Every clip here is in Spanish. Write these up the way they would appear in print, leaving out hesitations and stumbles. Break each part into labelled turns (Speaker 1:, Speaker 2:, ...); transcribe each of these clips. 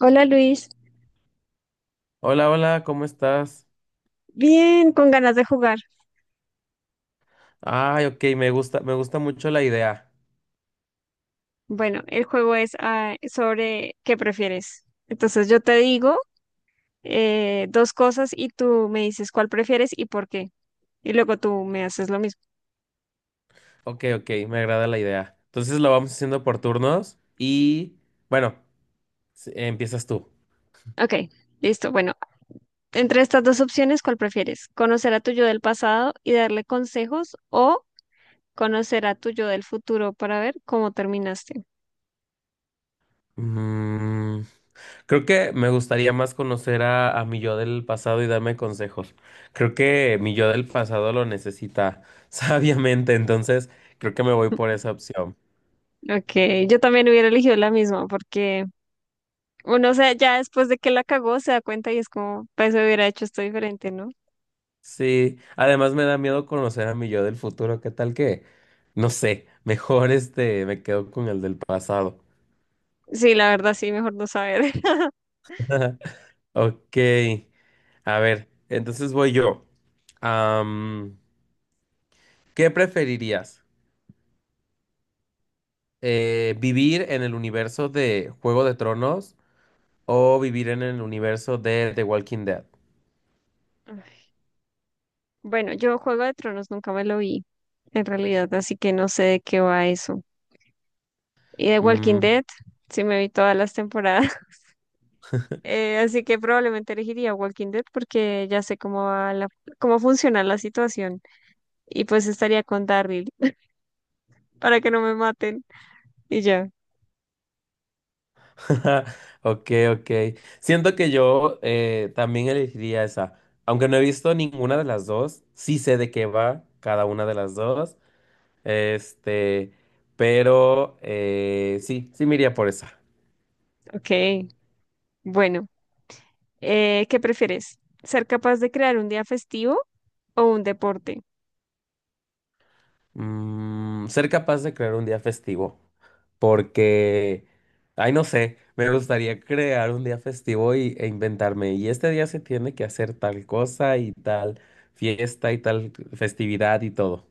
Speaker 1: Hola, Luis,
Speaker 2: Hola, hola, ¿cómo estás?
Speaker 1: bien, con ganas de jugar.
Speaker 2: Ay, ok, me gusta mucho la idea.
Speaker 1: Bueno, el juego es sobre qué prefieres. Entonces yo te digo dos cosas y tú me dices cuál prefieres y por qué. Y luego tú me haces lo mismo.
Speaker 2: Ok, ok, me agrada la idea. Entonces lo vamos haciendo por turnos y, bueno, empiezas tú.
Speaker 1: Ok, listo. Bueno, entre estas dos opciones, ¿cuál prefieres? ¿Conocer a tu yo del pasado y darle consejos, o conocer a tu yo del futuro para ver cómo terminaste?
Speaker 2: Mm, creo que me gustaría más conocer a mi yo del pasado y darme consejos. Creo que mi yo del pasado lo necesita sabiamente, entonces creo que me voy por esa opción.
Speaker 1: Ok, yo también hubiera elegido la misma, porque uno, o sea, ya después de que la cagó se da cuenta y es como, pues hubiera hecho esto diferente, ¿no?
Speaker 2: Sí, además me da miedo conocer a mi yo del futuro. ¿Qué tal que? No sé, mejor este, me quedo con el del pasado.
Speaker 1: Sí, la verdad sí, mejor no saber.
Speaker 2: Ok, a ver, entonces voy yo. Am, ¿Qué preferirías? ¿Vivir en el universo de Juego de Tronos o vivir en el universo de The Walking Dead?
Speaker 1: Bueno, yo Juego de Tronos nunca me lo vi, en realidad, así que no sé de qué va eso. Y de Walking
Speaker 2: Mm.
Speaker 1: Dead, sí me vi todas las temporadas. Así que probablemente elegiría Walking Dead, porque ya sé cómo va cómo funciona la situación, y pues estaría con Daryl para que no me maten y ya.
Speaker 2: Ok, ok. Siento que yo también elegiría esa. Aunque no he visto ninguna de las dos, sí sé de qué va cada una de las dos. Este, pero sí, sí me iría por esa.
Speaker 1: Ok, bueno, ¿qué prefieres? ¿Ser capaz de crear un día festivo o un deporte?
Speaker 2: Mm, ser capaz de crear un día festivo. Porque, ay, no sé, me gustaría crear un día festivo y, e inventarme. Y este día se tiene que hacer tal cosa y tal fiesta y tal festividad y todo.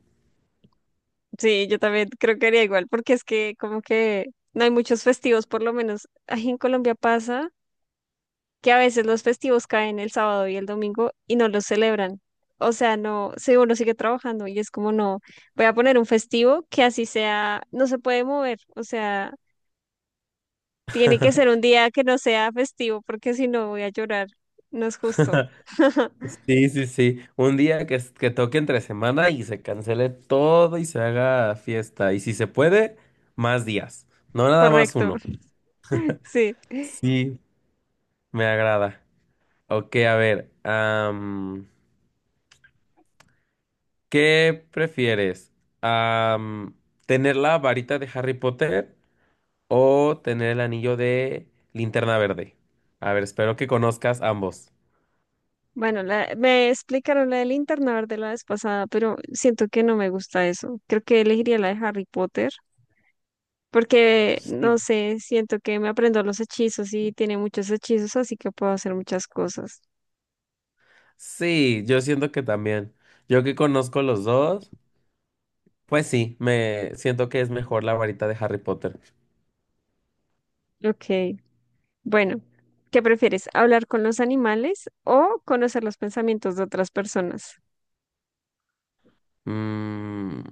Speaker 1: Sí, yo también creo que haría igual, porque es que como que no hay muchos festivos. Por lo menos aquí en Colombia pasa que a veces los festivos caen el sábado y el domingo y no los celebran. O sea, no, sí, uno sigue trabajando y es como no, voy a poner un festivo que así sea, no se puede mover. O sea, tiene que ser un día que no sea festivo, porque si no voy a llorar. No es justo.
Speaker 2: Sí, sí, sí. Un día que, que toque entre semana y se cancele todo y se haga fiesta. Y si se puede, más días. No nada más
Speaker 1: Correcto.
Speaker 2: uno.
Speaker 1: Sí.
Speaker 2: Sí, me agrada. Ok, a ver. ¿Qué prefieres? Am, ¿Tener la varita de Harry Potter o tener el anillo de Linterna Verde? A ver, espero que conozcas ambos.
Speaker 1: Bueno, me explicaron la del internar de la vez pasada, pero siento que no me gusta eso. Creo que elegiría la de Harry Potter, porque
Speaker 2: Sí.
Speaker 1: no sé, siento que me aprendo los hechizos y tiene muchos hechizos, así que puedo hacer muchas cosas.
Speaker 2: Sí, yo siento que también. Yo que conozco los dos. Pues sí, me siento que es mejor la varita de Harry Potter.
Speaker 1: Ok, bueno, ¿qué prefieres? ¿Hablar con los animales o conocer los pensamientos de otras personas?
Speaker 2: Mm,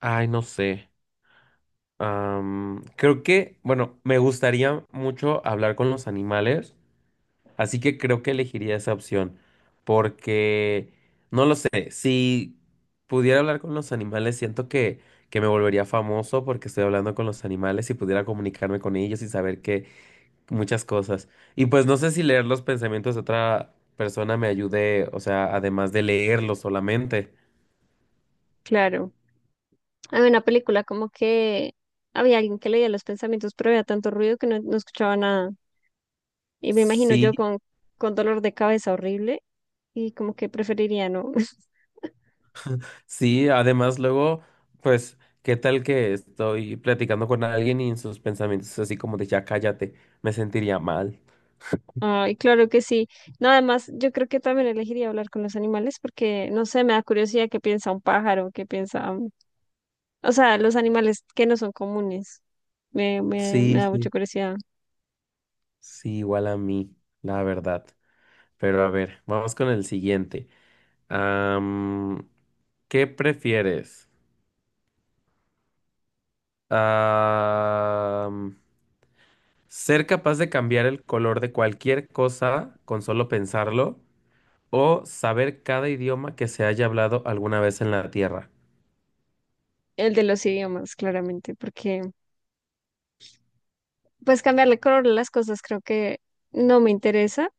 Speaker 2: ay, no sé. Creo que, bueno, me gustaría mucho hablar con los animales, así que creo que elegiría esa opción, porque, no lo sé, si pudiera hablar con los animales, siento que me volvería famoso porque estoy hablando con los animales y pudiera comunicarme con ellos y saber qué, muchas cosas. Y pues no sé si leer los pensamientos de otra persona me ayude, o sea, además de leerlos solamente.
Speaker 1: Claro. Había una película como que había alguien que leía los pensamientos, pero había tanto ruido que no escuchaba nada. Y me imagino
Speaker 2: Sí,
Speaker 1: yo con dolor de cabeza horrible y como que preferiría no.
Speaker 2: sí, además luego, pues, ¿qué tal que estoy platicando con alguien y en sus pensamientos es así como de ya cállate? Me sentiría mal.
Speaker 1: Ay, claro que sí. No, además, yo creo que también elegiría hablar con los animales porque, no sé, me da curiosidad qué piensa un pájaro, qué piensa, o sea, los animales que no son comunes. Me
Speaker 2: Sí,
Speaker 1: da mucha
Speaker 2: sí,
Speaker 1: curiosidad.
Speaker 2: sí, igual a mí, la verdad. Pero a ver, vamos con el siguiente. Am, ¿Qué prefieres? Ah... Ser capaz de cambiar el color de cualquier cosa con solo pensarlo o saber cada idioma que se haya hablado alguna vez en la Tierra.
Speaker 1: El de los idiomas, claramente, porque pues cambiarle color a las cosas creo que no me interesa.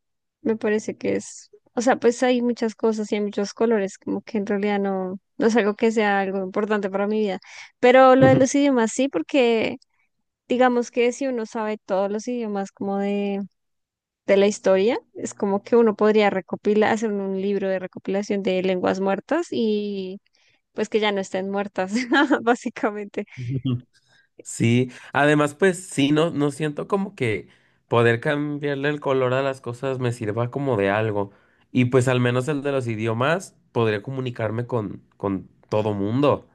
Speaker 1: Me parece que es, o sea, pues hay muchas cosas y hay muchos colores, como que en realidad no, no es algo que sea algo importante para mi vida. Pero lo de
Speaker 2: Ujú,
Speaker 1: los idiomas sí, porque digamos que si uno sabe todos los idiomas como de la historia, es como que uno podría recopilar, hacer un libro de recopilación de lenguas muertas y pues que ya no estén muertas, básicamente.
Speaker 2: ujú. Sí, además pues sí, no, no siento como que poder cambiarle el color a las cosas me sirva como de algo. Y pues al menos el de los idiomas podría comunicarme con todo mundo.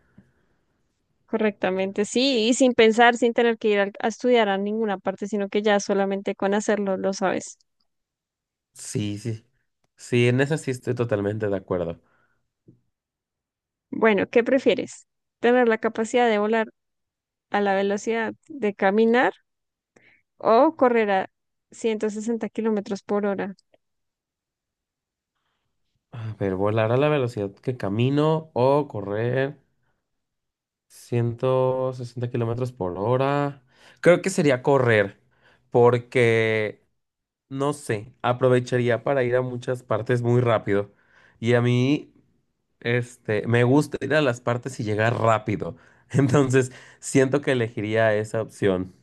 Speaker 1: Correctamente, sí, y sin pensar, sin tener que ir estudiar a ninguna parte, sino que ya solamente con hacerlo lo sabes.
Speaker 2: Sí, sí. Sí, en eso sí estoy totalmente de acuerdo.
Speaker 1: Bueno, ¿qué prefieres? ¿Tener la capacidad de volar a la velocidad de caminar o correr a 160 kilómetros por hora?
Speaker 2: A ver, volar a la velocidad que camino o correr. 160 kilómetros por hora. Creo que sería correr, porque no sé, aprovecharía para ir a muchas partes muy rápido. Y a mí, este, me gusta ir a las partes y llegar rápido. Entonces, siento que elegiría esa opción.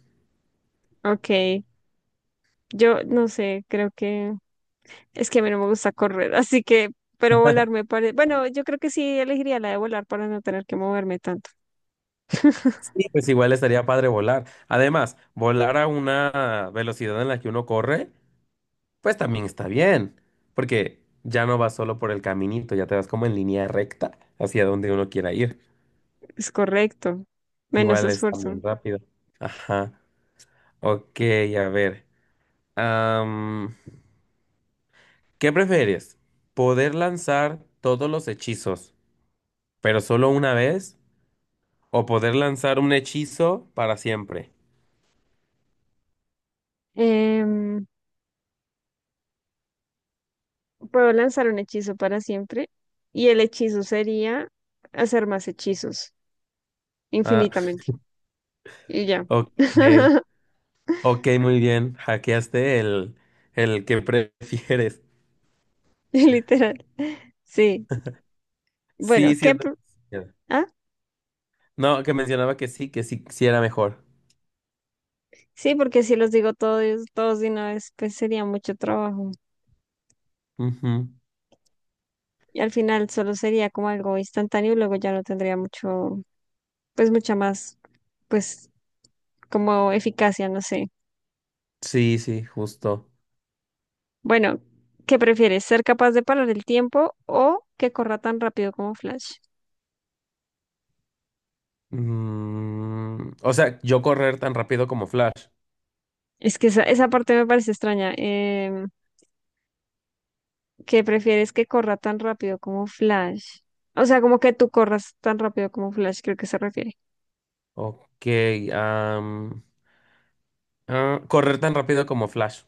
Speaker 1: Ok, yo no sé, creo que es que a mí no me gusta correr, así que, pero volar me parece, bueno, yo creo que sí elegiría la de volar para no tener que moverme tanto.
Speaker 2: Sí, pues igual estaría padre volar. Además, volar a una velocidad en la que uno corre, pues también está bien, porque ya no vas solo por el caminito, ya te vas como en línea recta hacia donde uno quiera ir.
Speaker 1: Es correcto, menos
Speaker 2: Igual es
Speaker 1: esfuerzo.
Speaker 2: también rápido. Ajá. Ok, a ver. Am, ¿Qué prefieres? ¿Poder lanzar todos los hechizos, pero solo una vez? ¿O poder lanzar un hechizo para siempre?
Speaker 1: Em, Puedo lanzar un hechizo para siempre y el hechizo sería hacer más hechizos
Speaker 2: Ah,
Speaker 1: infinitamente. Y ya.
Speaker 2: ok. Ok, muy bien. Hackeaste el que prefieres.
Speaker 1: Literal. Sí.
Speaker 2: Sí,
Speaker 1: Bueno, ¿qué?
Speaker 2: siento que sí.
Speaker 1: Ah,
Speaker 2: No, que mencionaba que sí, sí era mejor.
Speaker 1: sí, porque si los digo todos, todos de una vez, pues sería mucho trabajo.
Speaker 2: Ujú.
Speaker 1: Y al final solo sería como algo instantáneo y luego ya no tendría mucho, pues mucha más, pues como eficacia, no sé.
Speaker 2: Sí, sí, justo.
Speaker 1: Bueno, ¿qué prefieres? ¿Ser capaz de parar el tiempo o que corra tan rápido como Flash?
Speaker 2: Mm, o sea, yo correr tan rápido como Flash.
Speaker 1: Es que esa parte me parece extraña. Que prefieres que corra tan rápido como Flash. O sea, como que tú corras tan rápido como Flash, creo que se refiere.
Speaker 2: Ok, am, correr tan rápido como Flash,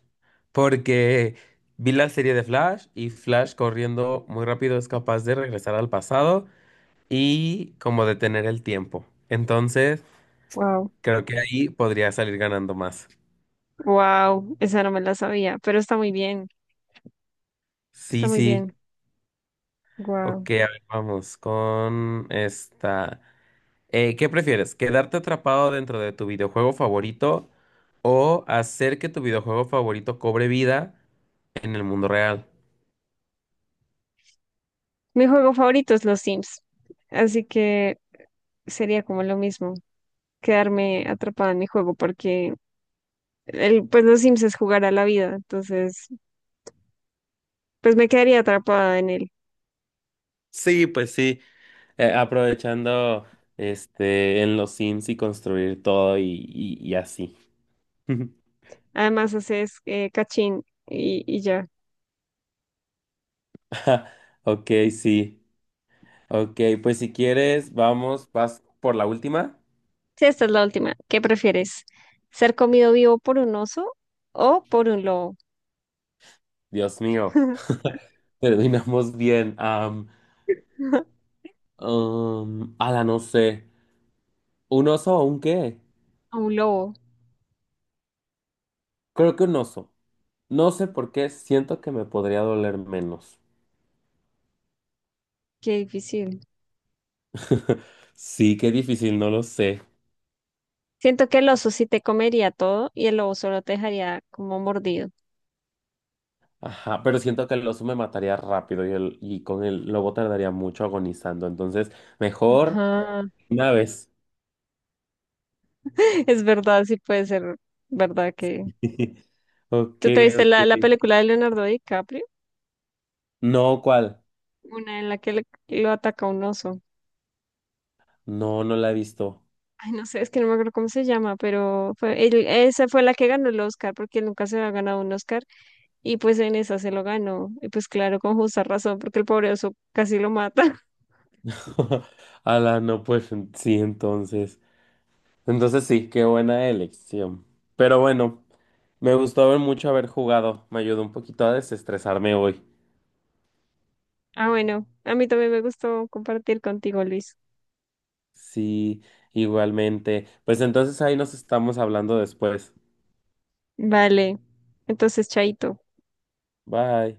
Speaker 2: porque vi la serie de Flash y Flash corriendo muy rápido es capaz de regresar al pasado y como detener el tiempo. Entonces,
Speaker 1: Wow.
Speaker 2: creo que ahí podría salir ganando más.
Speaker 1: Wow, esa no me la sabía, pero está muy bien. Está
Speaker 2: Sí,
Speaker 1: muy
Speaker 2: sí.
Speaker 1: bien. Wow.
Speaker 2: Ok, a ver, vamos con esta. ¿Qué prefieres? ¿Quedarte atrapado dentro de tu videojuego favorito o hacer que tu videojuego favorito cobre vida en el mundo real?
Speaker 1: Mi juego favorito es los Sims. Así que sería como lo mismo, quedarme atrapada en mi juego, porque pues los Sims es jugar a la vida. Entonces, pues me quedaría atrapada en él.
Speaker 2: Sí, pues sí, aprovechando este en los Sims y construir todo y así.
Speaker 1: Además, haces cachín y ya.
Speaker 2: Ok, sí. Ok, pues si quieres, vamos, vas por la última.
Speaker 1: Sí, esta es la última. ¿Qué prefieres? ¿Ser comido vivo por un oso o por un lobo?
Speaker 2: Dios mío, terminamos bien. Ala, no sé. ¿Un oso o un qué?
Speaker 1: A un lobo.
Speaker 2: Creo que un oso. No sé por qué, siento que me podría doler menos.
Speaker 1: Qué difícil.
Speaker 2: Sí, qué difícil, no lo sé.
Speaker 1: Siento que el oso sí te comería todo y el lobo solo te dejaría como mordido.
Speaker 2: Ajá, pero siento que el oso me mataría rápido y, el, y con el lobo tardaría mucho agonizando. Entonces, mejor
Speaker 1: Ajá.
Speaker 2: una vez.
Speaker 1: Es verdad, sí puede ser verdad que...
Speaker 2: Ok,
Speaker 1: ¿Tú te viste la
Speaker 2: ok.
Speaker 1: película de Leonardo DiCaprio?
Speaker 2: No, ¿cuál?
Speaker 1: Una en la que lo ataca un oso.
Speaker 2: No, no la he visto.
Speaker 1: Ay, no sé, es que no me acuerdo cómo se llama, pero fue, esa fue la que ganó el Oscar, porque él nunca se había ganado un Oscar, y pues en esa se lo ganó, y pues claro, con justa razón, porque el pobre oso casi lo mata.
Speaker 2: Ala, no, pues sí, entonces. Entonces sí, qué buena elección. Pero bueno, me gustó ver mucho haber jugado. Me ayudó un poquito a desestresarme hoy.
Speaker 1: Ah, bueno, a mí también me gustó compartir contigo, Luis.
Speaker 2: Sí, igualmente. Pues entonces ahí nos estamos hablando después.
Speaker 1: Vale, entonces, chaito.
Speaker 2: Bye.